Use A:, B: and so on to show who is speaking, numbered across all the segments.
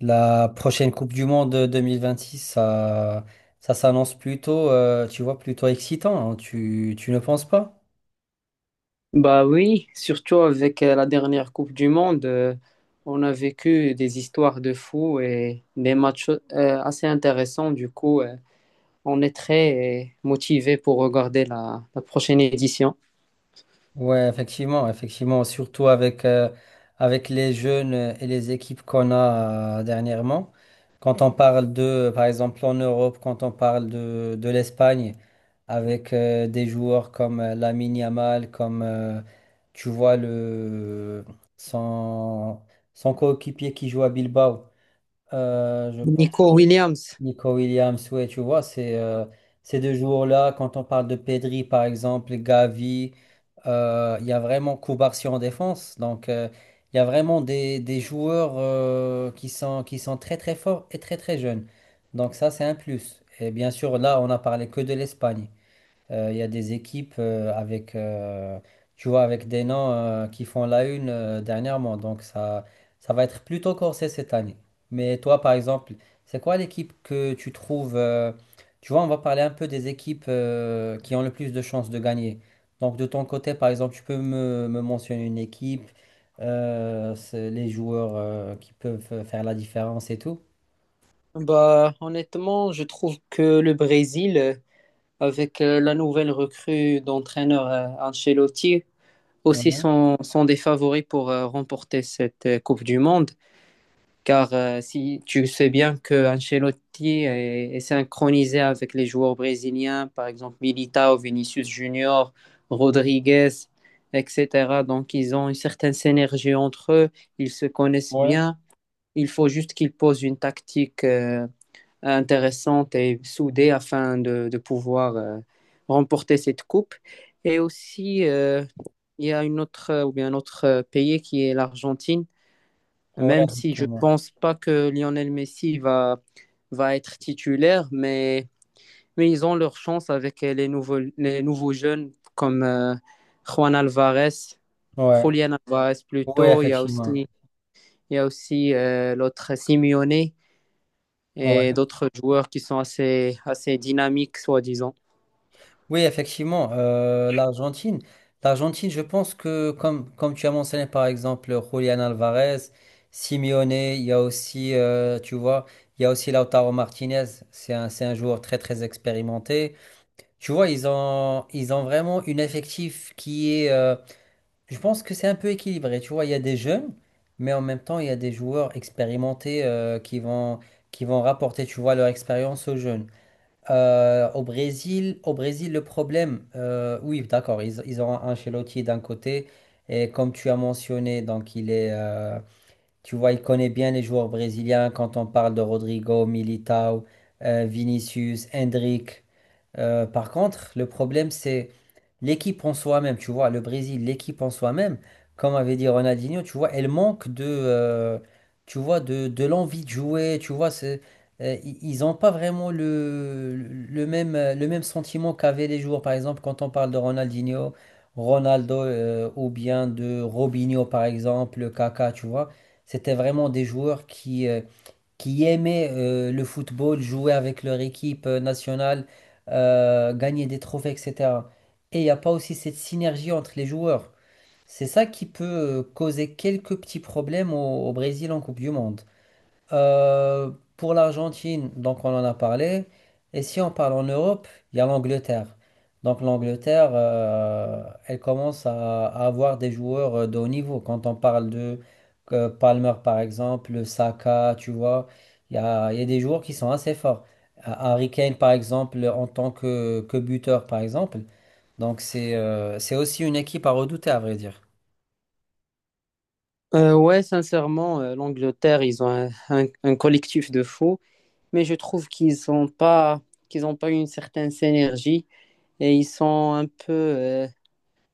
A: La prochaine Coupe du Monde 2026, ça, ça s'annonce plutôt, tu vois, plutôt excitant, hein, tu ne penses pas?
B: Bah oui, surtout avec la dernière Coupe du Monde, on a vécu des histoires de fous et des matchs assez intéressants. Du coup, on est très motivé pour regarder la prochaine édition.
A: Ouais, effectivement, effectivement, surtout avec les jeunes et les équipes qu'on a dernièrement. Quand on parle de, par exemple, en Europe, quand on parle de l'Espagne, avec des joueurs comme Lamine Yamal, comme, tu vois, son, son coéquipier qui joue à Bilbao. Je pense
B: Nico Williams,
A: que Nico Williams, ouais, tu vois, c'est ces deux jours-là, quand on parle de Pedri, par exemple, Gavi, il y a vraiment Koubarsi en défense. Donc, il y a vraiment des joueurs qui sont très, très forts et très, très jeunes. Donc, ça, c'est un plus. Et bien sûr, là, on n'a parlé que de l'Espagne. Il y a des équipes tu vois, avec des noms qui font la une dernièrement. Donc ça va être plutôt corsé cette année. Mais toi, par exemple, c'est quoi l'équipe que tu trouves. Tu vois, on va parler un peu des équipes qui ont le plus de chances de gagner. Donc de ton côté, par exemple, tu peux me mentionner une équipe, c'est les joueurs qui peuvent faire la différence et tout.
B: bah honnêtement, je trouve que le Brésil, avec la nouvelle recrue d'entraîneur Ancelotti, aussi
A: Mhm.
B: sont des favoris pour remporter cette Coupe du Monde. Car si tu sais bien que Ancelotti est synchronisé avec les joueurs brésiliens, par exemple Militao, Vinicius Junior, Rodriguez, etc. Donc ils ont une certaine synergie entre eux, ils se connaissent
A: Ouais,
B: bien. Il faut juste qu'ils posent une tactique intéressante et soudée afin de pouvoir remporter cette coupe. Et aussi, il y a une autre, ou bien un autre pays qui est l'Argentine,
A: ouais,
B: même si je
A: effectivement.
B: pense pas que Lionel Messi va être titulaire, mais ils ont leur chance avec les nouveaux jeunes comme Juan Alvarez,
A: Ouais,
B: Julian Alvarez
A: ouais,
B: plutôt. Il y a aussi,
A: effectivement.
B: il y a aussi l'autre Simeone
A: Ouais.
B: et d'autres joueurs qui sont assez dynamiques, soi-disant.
A: Oui, effectivement, l'Argentine. L'Argentine, je pense que, comme tu as mentionné, par exemple, Julian Alvarez, Simeone, il y a aussi, tu vois, il y a aussi Lautaro Martinez. C'est un joueur très, très expérimenté. Tu vois, ils ont vraiment une effectif je pense que c'est un peu équilibré. Tu vois, il y a des jeunes, mais en même temps, il y a des joueurs expérimentés, qui vont rapporter, tu vois, leur expérience aux jeunes. Au Brésil, le problème, oui, d'accord, ils ont un Ancelotti d'un côté, et comme tu as mentionné, donc tu vois, il connaît bien les joueurs brésiliens quand on parle de Rodrigo, Militao, Vinicius, Hendrick. Par contre, le problème, c'est l'équipe en soi-même, tu vois, le Brésil, l'équipe en soi-même, comme avait dit Ronaldinho, tu vois, elle manque tu vois, de l'envie de jouer, tu vois, c'est, ils n'ont pas vraiment le même sentiment qu'avaient les joueurs. Par exemple, quand on parle de Ronaldinho, Ronaldo, ou bien de Robinho, par exemple, Kaka, tu vois, c'était vraiment des joueurs qui aimaient le football, jouer avec leur équipe nationale, gagner des trophées, etc. Et il n'y a pas aussi cette synergie entre les joueurs. C'est ça qui peut causer quelques petits problèmes au Brésil en Coupe du Monde. Euh, pour l'Argentine, donc on en a parlé. Et si on parle en Europe, il y a l'Angleterre. Donc l'Angleterre, elle commence à avoir des joueurs de haut niveau. Quand on parle de Palmer, par exemple, Saka, tu vois, il y a des joueurs qui sont assez forts. Harry Kane, par exemple, en tant que buteur, par exemple. Donc c'est aussi une équipe à redouter, à vrai dire.
B: Ouais, sincèrement, l'Angleterre, ils ont un collectif de faux, mais je trouve qu'ils ont pas une certaine synergie et ils sont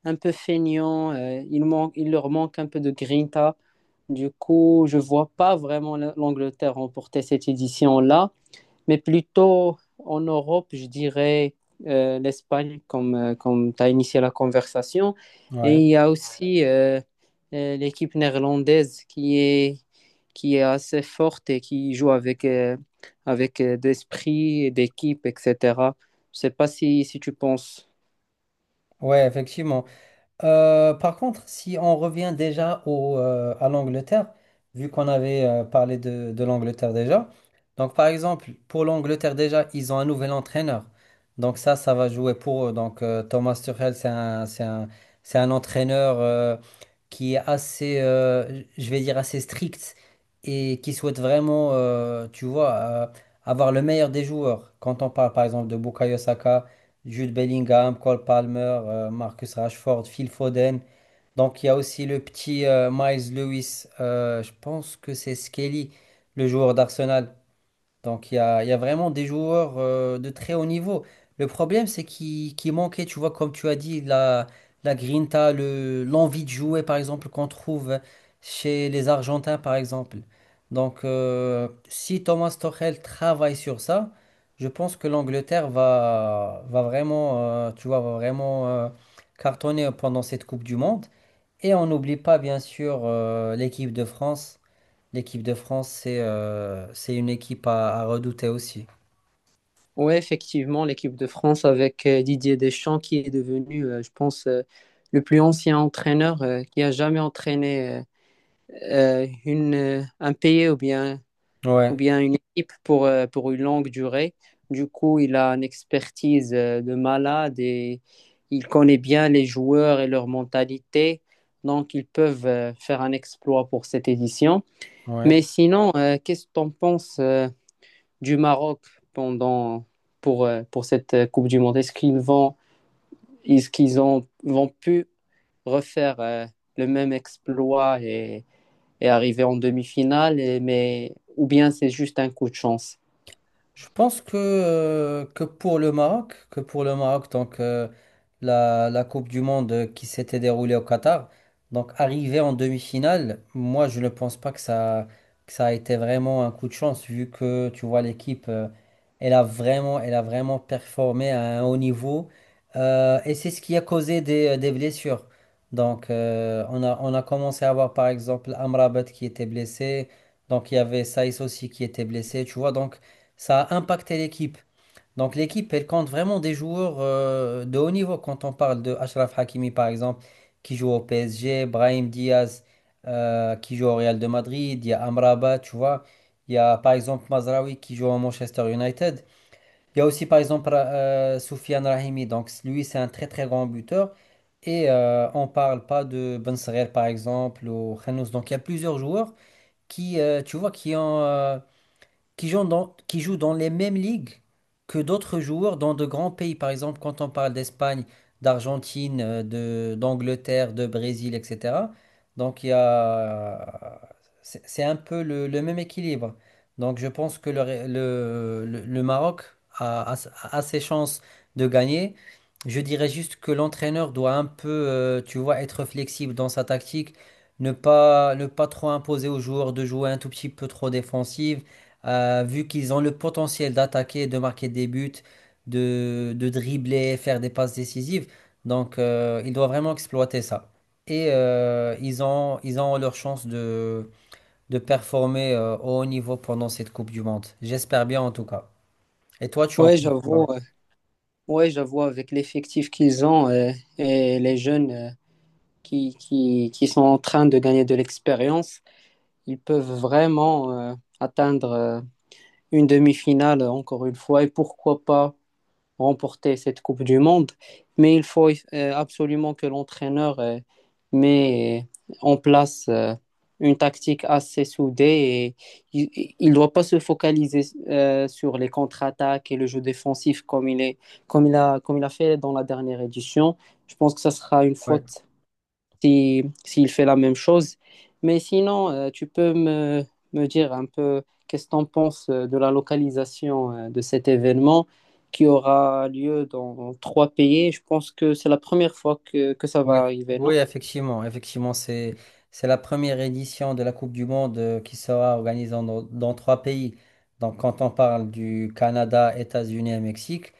B: un peu feignants. Il leur manque un peu de grinta. Du coup, je vois pas vraiment l'Angleterre remporter cette édition-là, mais plutôt en Europe, je dirais l'Espagne, comme tu as initié la conversation. Et
A: Ouais,
B: il y a aussi l'équipe néerlandaise qui est assez forte et qui joue avec, d'esprit, et d'équipe, etc. Je sais pas si tu penses.
A: ouais, effectivement. Par contre, si on revient déjà à l'Angleterre, vu qu'on avait parlé de l'Angleterre déjà, donc par exemple, pour l'Angleterre déjà, ils ont un nouvel entraîneur. Donc ça va jouer pour eux. Donc Thomas Tuchel, c'est un entraîneur qui est assez, je vais dire, assez strict et qui souhaite vraiment, tu vois, avoir le meilleur des joueurs. Quand on parle par exemple de Bukayo Saka, Jude Bellingham, Cole Palmer, Marcus Rashford, Phil Foden. Donc il y a aussi le petit Miles Lewis, je pense que c'est Skelly, le joueur d'Arsenal. Donc il y a vraiment des joueurs de très haut niveau. Le problème, c'est qu'il manquait, tu vois, comme tu as dit, la grinta, l'envie de jouer, par exemple, qu'on trouve chez les Argentins, par exemple. Donc si Thomas Tuchel travaille sur ça, je pense que l'Angleterre va vraiment, tu vois, va vraiment cartonner pendant cette Coupe du Monde. Et on n'oublie pas, bien sûr, l'équipe de France. L'équipe de France, c'est une équipe à redouter aussi.
B: Oui, effectivement, l'équipe de France avec Didier Deschamps qui est devenu, je pense, le plus ancien entraîneur qui a jamais entraîné une, un pays ou
A: Ouais,
B: bien une équipe pour une longue durée. Du coup, il a une expertise de malade et il connaît bien les joueurs et leur mentalité. Donc, ils peuvent faire un exploit pour cette édition.
A: ouais.
B: Mais sinon, qu'est-ce que tu en penses? Du Maroc pendant, pour cette Coupe du Monde? Est-ce qu'ils ont, vont pu refaire le même exploit et arriver en demi-finale, ou bien c'est juste un coup de chance?
A: Je pense que pour le Maroc, donc la Coupe du Monde qui s'était déroulée au Qatar, donc arrivé en demi-finale, moi je ne pense pas que ça a été vraiment un coup de chance vu que tu vois l'équipe, elle a vraiment performé à un haut niveau. Et c'est ce qui a causé des blessures. Donc on a commencé à avoir par exemple Amrabat qui était blessé, donc il y avait Saïs aussi qui était blessé, tu vois donc ça a impacté l'équipe. Donc l'équipe, elle compte vraiment des joueurs de haut niveau. Quand on parle de Achraf Hakimi, par exemple, qui joue au PSG, Brahim Diaz, qui joue au Real de Madrid, il y a Amrabat, tu vois. Il y a par exemple Mazraoui qui joue au Manchester United. Il y a aussi par exemple Soufiane Rahimi. Donc lui, c'est un très très grand buteur. Et on parle pas de Ben Seghir, par exemple, ou Khanous. Donc il y a plusieurs joueurs tu vois, qui jouent dans les mêmes ligues que d'autres joueurs dans de grands pays. Par exemple, quand on parle d'Espagne, d'Argentine, d'Angleterre, de Brésil, etc. Donc, c'est un peu le même équilibre. Donc, je pense que le, Ré- le Maroc a ses chances de gagner. Je dirais juste que l'entraîneur doit un peu, tu vois, être flexible dans sa tactique, ne pas trop imposer aux joueurs de jouer un tout petit peu trop défensif vu qu'ils ont le potentiel d'attaquer, de marquer des buts, de dribbler, faire des passes décisives. Donc, ils doivent vraiment exploiter ça. Et ils ont leur chance de performer au haut niveau pendant cette Coupe du Monde. J'espère bien en tout cas. Et toi, tu en
B: Ouais,
A: penses
B: j'avoue,
A: quoi?
B: euh, ouais, j'avoue, avec l'effectif qu'ils ont et les jeunes qui sont en train de gagner de l'expérience, ils peuvent vraiment atteindre une demi-finale encore une fois, et pourquoi pas remporter cette Coupe du Monde, mais il faut absolument que l'entraîneur met en place une tactique assez soudée et il ne doit pas se focaliser sur les contre-attaques et le jeu défensif comme il a fait dans la dernière édition. Je pense que ça sera une
A: Ouais.
B: faute si, s'il fait la même chose. Mais sinon, tu peux me dire un peu qu'est-ce que tu en penses de la localisation de cet événement qui aura lieu dans 3 pays. Je pense que c'est la première fois que ça va
A: Ouais.
B: arriver, non?
A: Oui, effectivement. Effectivement, c'est la première édition de la Coupe du Monde qui sera organisée dans trois pays. Donc, quand on parle du Canada, États-Unis et Mexique.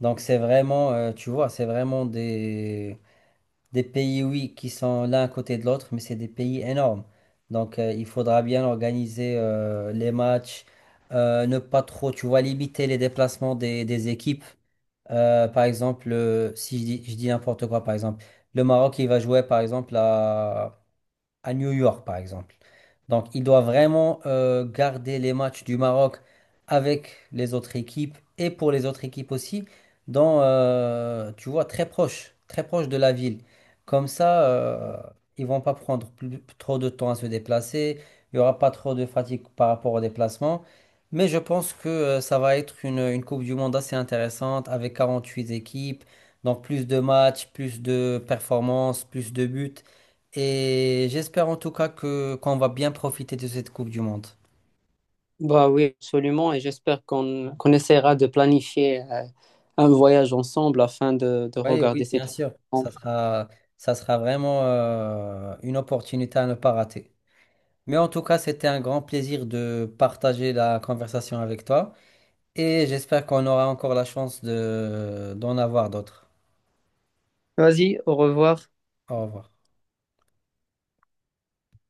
A: Donc c'est vraiment, tu vois, c'est vraiment des pays, oui, qui sont l'un à côté de l'autre, mais c'est des pays énormes. Donc il faudra bien organiser les matchs, ne pas trop, tu vois, limiter les déplacements des équipes. Par exemple, si je dis n'importe quoi, par exemple, le Maroc, il va jouer, par exemple, à New York, par exemple. Donc, il doit vraiment garder les matchs du Maroc avec les autres équipes et pour les autres équipes aussi, tu vois, très proche de la ville. Comme ça, ils vont pas prendre trop de temps à se déplacer. Il y aura pas trop de fatigue par rapport au déplacement. Mais je pense que ça va être une Coupe du Monde assez intéressante avec 48 équipes. Donc plus de matchs, plus de performances, plus de buts. Et j'espère en tout cas que qu'on va bien profiter de cette Coupe du Monde.
B: Bah oui, absolument. Et j'espère qu'on qu'on essaiera de planifier un voyage ensemble afin de
A: Oui, oui,
B: regarder ces
A: bien
B: trucs
A: sûr. Ça
B: ensemble.
A: sera, ça sera vraiment une opportunité à ne pas rater. Mais en tout cas, c'était un grand plaisir de partager la conversation avec toi. Et j'espère qu'on aura encore la chance d'en avoir d'autres.
B: Vas-y, au revoir.
A: Au revoir.